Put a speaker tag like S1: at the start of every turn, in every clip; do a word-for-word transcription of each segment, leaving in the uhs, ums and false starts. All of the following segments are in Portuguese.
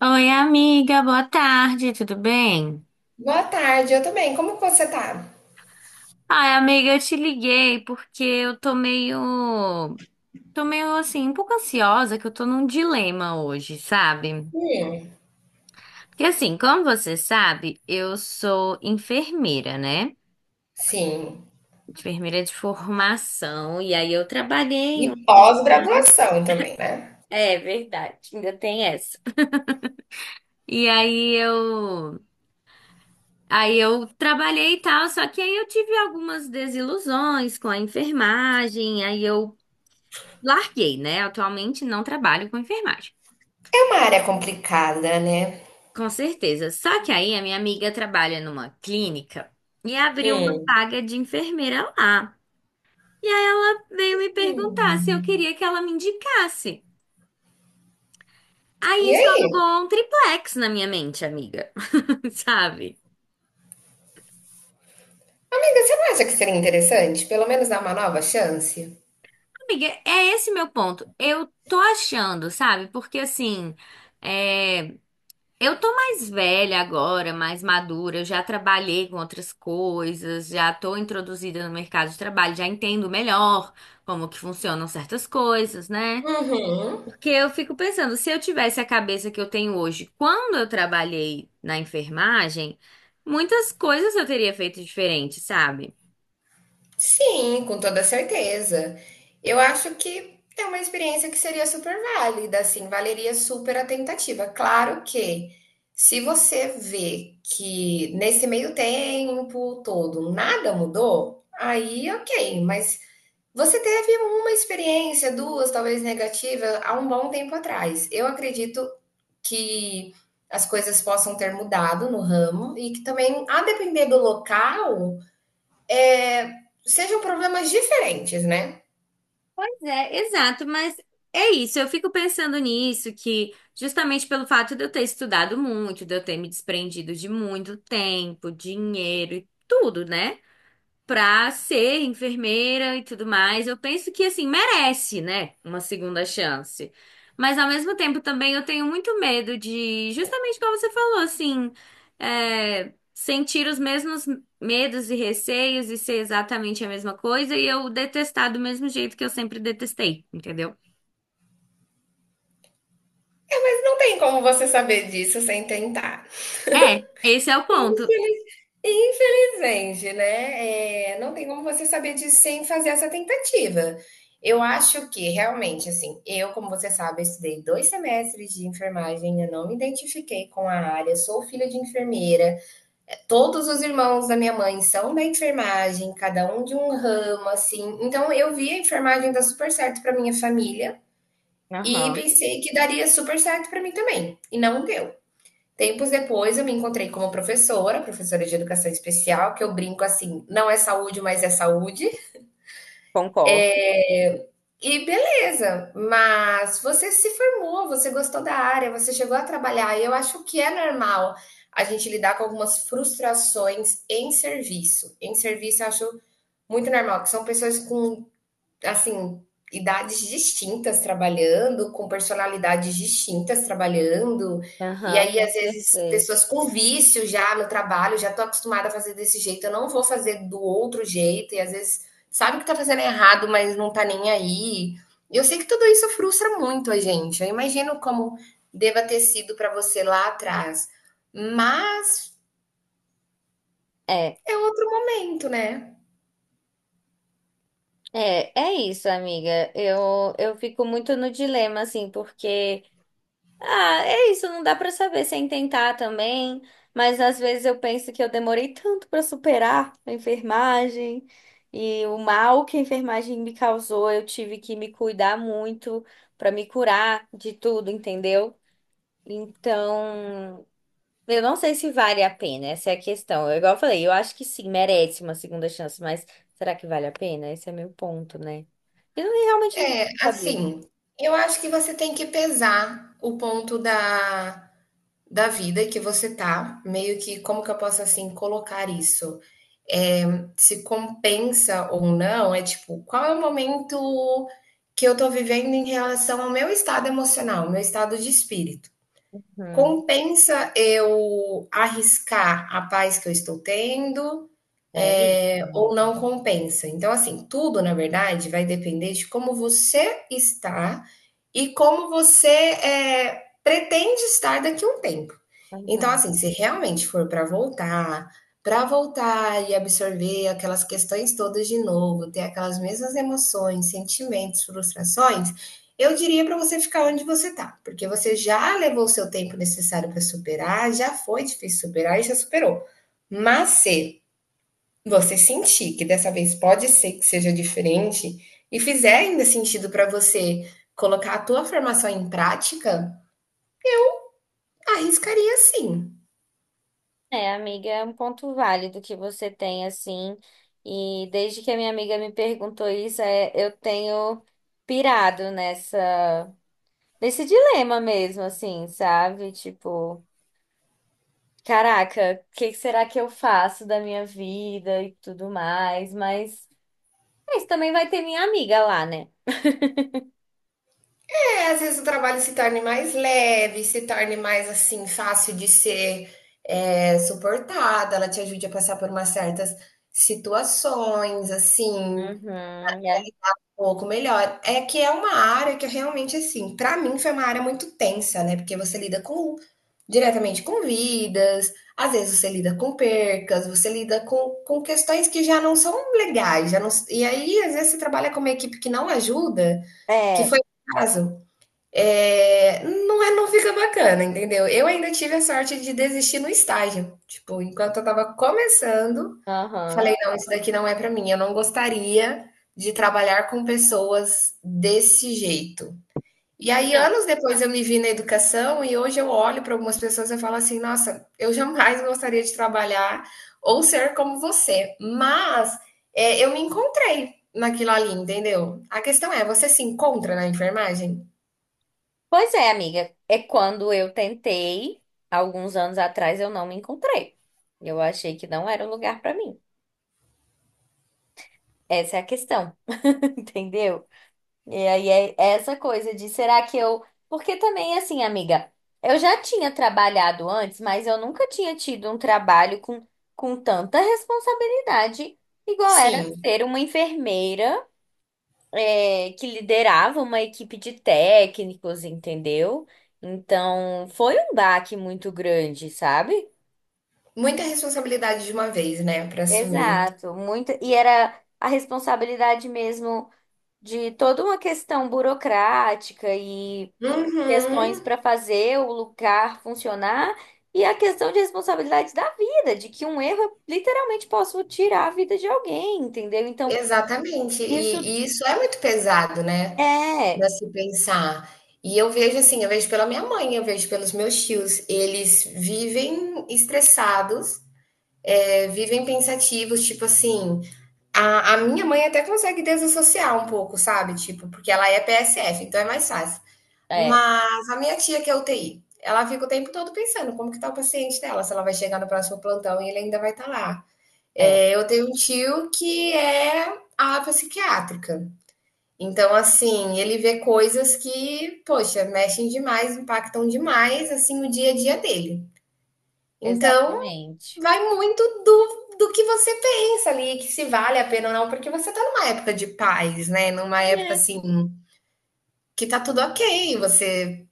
S1: Oi, amiga, boa tarde, tudo bem?
S2: Boa tarde, eu também. Como que você tá?
S1: Ai, amiga, eu te liguei porque eu tô meio. Tô meio assim, um pouco ansiosa, que eu tô num dilema hoje, sabe?
S2: Hum,
S1: Porque assim, como você sabe, eu sou enfermeira, né?
S2: sim.
S1: Enfermeira de formação, e aí eu trabalhei. um-
S2: E pós-graduação também, né?
S1: É verdade, ainda tem essa. E aí eu. Aí eu trabalhei e tal, só que aí eu tive algumas desilusões com a enfermagem, aí eu larguei, né? Atualmente não trabalho com enfermagem.
S2: É uma área complicada, né?
S1: Com certeza. Só que aí a minha amiga trabalha numa clínica e abriu uma
S2: Hum.
S1: vaga de enfermeira lá. E aí ela veio me
S2: Hum.
S1: perguntar se eu queria que ela me indicasse.
S2: E
S1: Aí isso
S2: aí?
S1: alugou um triplex na minha mente, amiga. Sabe?
S2: Amiga, você não acha que seria interessante pelo menos dar uma nova chance?
S1: Amiga, é esse meu ponto. Eu tô achando, sabe? Porque assim, é. Eu tô mais velha agora, mais madura, eu já trabalhei com outras coisas, já tô introduzida no mercado de trabalho, já entendo melhor como que funcionam certas coisas, né?
S2: Uhum.
S1: Porque eu fico pensando, se eu tivesse a cabeça que eu tenho hoje, quando eu trabalhei na enfermagem, muitas coisas eu teria feito diferente, sabe?
S2: Sim, com toda certeza. Eu acho que é uma experiência que seria super válida, assim, valeria super a tentativa. Claro que se você vê que nesse meio tempo todo nada mudou, aí ok, mas você teve uma experiência, duas, talvez negativa, há um bom tempo atrás. Eu acredito que as coisas possam ter mudado no ramo e que também, a depender do local é, sejam problemas diferentes, né?
S1: É, exato, mas é isso. Eu fico pensando nisso, que justamente pelo fato de eu ter estudado muito, de eu ter me desprendido de muito tempo, dinheiro e tudo, né? Pra ser enfermeira e tudo mais. Eu penso que, assim, merece, né? Uma segunda chance. Mas, ao mesmo tempo, também eu tenho muito medo de, justamente como você falou, assim, é, sentir os mesmos medos e receios e ser exatamente a mesma coisa e eu detestar do mesmo jeito que eu sempre detestei, entendeu?
S2: É, mas não tem como você saber disso sem tentar.
S1: É, esse é o ponto.
S2: Infelizmente, né? É, não tem como você saber disso sem fazer essa tentativa. Eu acho que realmente, assim, eu, como você sabe, estudei dois semestres de enfermagem, eu não me identifiquei com a área, sou filha de enfermeira. Todos os irmãos da minha mãe são da enfermagem, cada um de um ramo, assim. Então, eu vi a enfermagem dar super certo para minha família, e
S1: Aham,
S2: pensei que daria super certo para mim também, e não deu. Tempos depois eu me encontrei como professora, professora de educação especial, que eu brinco assim, não é saúde, mas é saúde.
S1: concordo.
S2: E beleza, mas você se formou, você gostou da área, você chegou a trabalhar, e eu acho que é normal a gente lidar com algumas frustrações em serviço. Em serviço eu acho muito normal, que são pessoas com assim, idades distintas trabalhando, com personalidades distintas trabalhando. E
S1: Aham,
S2: aí,
S1: com
S2: às vezes,
S1: certeza.
S2: pessoas com vício já no trabalho, já estou acostumada a fazer desse jeito, eu não vou fazer do outro jeito, e às vezes sabe que está fazendo errado, mas não está nem aí. Eu sei que tudo isso frustra muito a gente. Eu imagino como deva ter sido para você lá atrás. Mas
S1: É.
S2: é outro momento, né?
S1: É, é isso, amiga. Eu, eu fico muito no dilema, assim, porque, ah, é isso, não dá pra saber sem tentar também, mas às vezes eu penso que eu demorei tanto pra superar a enfermagem e o mal que a enfermagem me causou, eu tive que me cuidar muito pra me curar de tudo, entendeu? Então. Eu não sei se vale a pena, essa é a questão. Eu, igual eu falei, eu acho que sim, merece uma segunda chance, mas será que vale a pena? Esse é meu ponto, né? Eu não- Realmente não tenho
S2: É,
S1: como saber.
S2: assim, eu acho que você tem que pesar o ponto da, da vida que você tá, meio que como que eu posso assim colocar isso? É, Se compensa ou não, é tipo, qual é o momento que eu tô vivendo em relação ao meu estado emocional, meu estado de espírito?
S1: Uhum.
S2: Compensa eu arriscar a paz que eu estou tendo?
S1: É isso,
S2: É, ou
S1: amiga.
S2: não compensa. Então, assim, tudo, na verdade, vai depender de como você está e como você é, pretende estar daqui a um tempo. Então,
S1: Uhum.
S2: assim, se realmente for para voltar, para voltar e absorver aquelas questões todas de novo, ter aquelas mesmas emoções, sentimentos, frustrações, eu diria para você ficar onde você está, porque você já levou o seu tempo necessário para superar, já foi difícil superar e já superou. Mas se você sentir que dessa vez pode ser que seja diferente e fizer ainda sentido para você colocar a tua formação em prática, arriscaria sim.
S1: É, amiga, é um ponto válido que você tem, assim. E desde que a minha amiga me perguntou isso, é, eu tenho pirado nessa, nesse dilema mesmo, assim, sabe? Tipo. Caraca, o que será que eu faço da minha vida e tudo mais? Mas, mas também vai ter minha amiga lá, né?
S2: É, às vezes o trabalho se torne mais leve, se torne mais assim fácil de ser é, suportada, ela te ajude a passar por umas certas situações, assim,
S1: Uhum, é.
S2: um pouco melhor. É que é uma área que eu realmente, assim, pra mim foi uma área muito tensa, né? Porque você lida com diretamente com vidas, às vezes você lida com percas, você lida com, com questões que já não são legais, já não, e aí às vezes você trabalha com uma equipe que não ajuda, que
S1: É,
S2: foi o caso. É, não é, não fica bacana, entendeu? Eu ainda tive a sorte de desistir no estágio. Tipo, enquanto eu tava começando,
S1: aham.
S2: falei, não, isso daqui não é pra mim. Eu não gostaria de trabalhar com pessoas desse jeito. E aí,
S1: Não.
S2: anos depois, eu me vi na educação e hoje eu olho para algumas pessoas e eu falo assim, nossa, eu jamais gostaria de trabalhar ou ser como você. Mas é, eu me encontrei naquilo ali, entendeu? A questão é, você se encontra na enfermagem?
S1: Pois é, amiga. É quando eu tentei, alguns anos atrás, eu não me encontrei. Eu achei que não era o lugar pra mim. Essa é a questão, entendeu? E aí é essa coisa de será que eu. Porque também, assim, amiga, eu já tinha trabalhado antes, mas eu nunca tinha tido um trabalho com, com tanta responsabilidade, igual era
S2: Sim.
S1: ser uma enfermeira, é, que liderava uma equipe de técnicos, entendeu? Então, foi um baque muito grande, sabe?
S2: Muita responsabilidade de uma vez, né, para assumir.
S1: Exato, muito. E era a responsabilidade mesmo de toda uma questão burocrática e. Questões
S2: Uhum,
S1: para fazer o lugar funcionar e a questão de responsabilidade da vida, de que um erro literalmente posso tirar a vida de alguém, entendeu? Então,
S2: exatamente. E
S1: isso
S2: e isso é muito pesado, né,
S1: é,
S2: para se pensar. E eu vejo assim, eu vejo pela minha mãe, eu vejo pelos meus tios, eles vivem estressados, eh, vivem pensativos, tipo assim, a a minha mãe até consegue desassociar um pouco, sabe, tipo, porque ela é P S F, então é mais fácil.
S1: é,
S2: Mas a minha tia que é U T I, ela fica o tempo todo pensando como que tá o paciente dela, se ela vai chegar no próximo plantão e ele ainda vai estar lá.
S1: é,
S2: É, eu tenho um tio que é ala psiquiátrica. Então, assim, ele vê coisas que, poxa, mexem demais, impactam demais, assim, o dia a dia dele. Então,
S1: exatamente.
S2: vai muito do, do que você pensa ali, que se vale a pena ou não, porque você tá numa época de paz, né? Numa época,
S1: É,
S2: assim, que tá tudo ok, você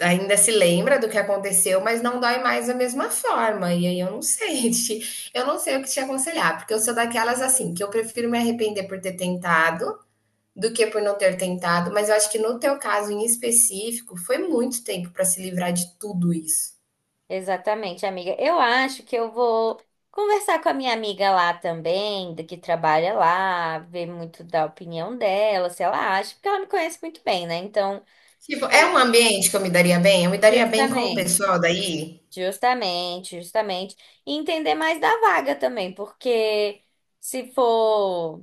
S2: ainda se lembra do que aconteceu, mas não dói mais da mesma forma. E aí eu não sei, te- eu não sei o que te aconselhar, porque eu sou daquelas assim, que eu prefiro me arrepender por ter tentado do que por não ter tentado, mas eu acho que no teu caso em específico, foi muito tempo para se livrar de tudo isso.
S1: exatamente, amiga. Eu acho que eu vou conversar com a minha amiga lá também, da que trabalha lá, ver muito da opinião dela, se ela acha, porque ela me conhece muito bem, né? Então,
S2: Tipo,
S1: é,
S2: é um ambiente que eu me daria bem? Eu me daria bem com o
S1: justamente.
S2: pessoal daí?
S1: Justamente, justamente. E entender mais da vaga também, porque se for,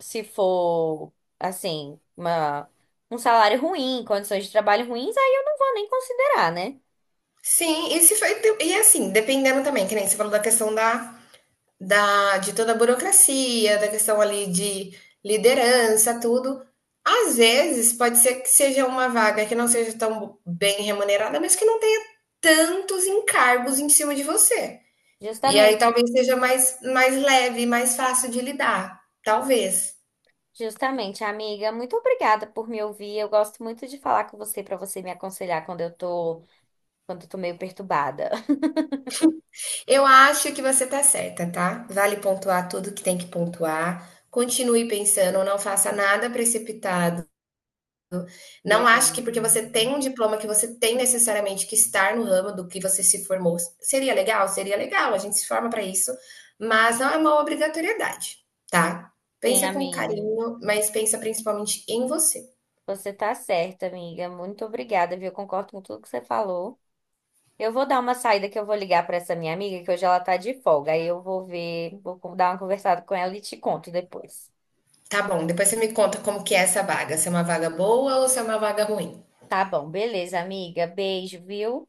S1: se for, assim, uma, um salário ruim, condições de trabalho ruins, aí eu não vou nem considerar, né?
S2: Sim, e se foi, e assim, dependendo também, que nem você falou da questão da da, de toda a burocracia, da questão ali de liderança, tudo. Às vezes pode ser que seja uma vaga que não seja tão bem remunerada, mas que não tenha tantos encargos em cima de você. E aí
S1: Justamente,
S2: talvez seja mais, mais leve, mais fácil de lidar. Talvez.
S1: justamente, amiga. Muito obrigada por me ouvir. Eu gosto muito de falar com você para você me aconselhar quando eu tô, quando eu tô meio perturbada.
S2: Eu acho que você tá certa, tá? Vale pontuar tudo que tem que pontuar. Continue pensando, não faça nada precipitado. Não
S1: Beleza.
S2: acho que porque você tem um diploma que você tem necessariamente que estar no ramo do que você se formou. Seria legal? Seria legal, a gente se forma para isso, mas não é uma obrigatoriedade, tá?
S1: Sim,
S2: Pensa com
S1: amiga.
S2: carinho, mas pensa principalmente em você.
S1: Você tá certa, amiga. Muito obrigada, viu? Eu concordo com tudo que você falou. Eu vou dar uma saída que eu vou ligar para essa minha amiga, que hoje ela tá de folga. Aí eu vou ver, vou con- dar uma conversada com ela e te conto depois.
S2: Tá bom, depois você me conta como que é essa vaga, se é uma vaga boa ou se é uma vaga ruim.
S1: Tá bom, beleza, amiga. Beijo, viu?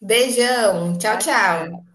S2: Beijão, tchau,
S1: Tchau, tchau.
S2: tchau.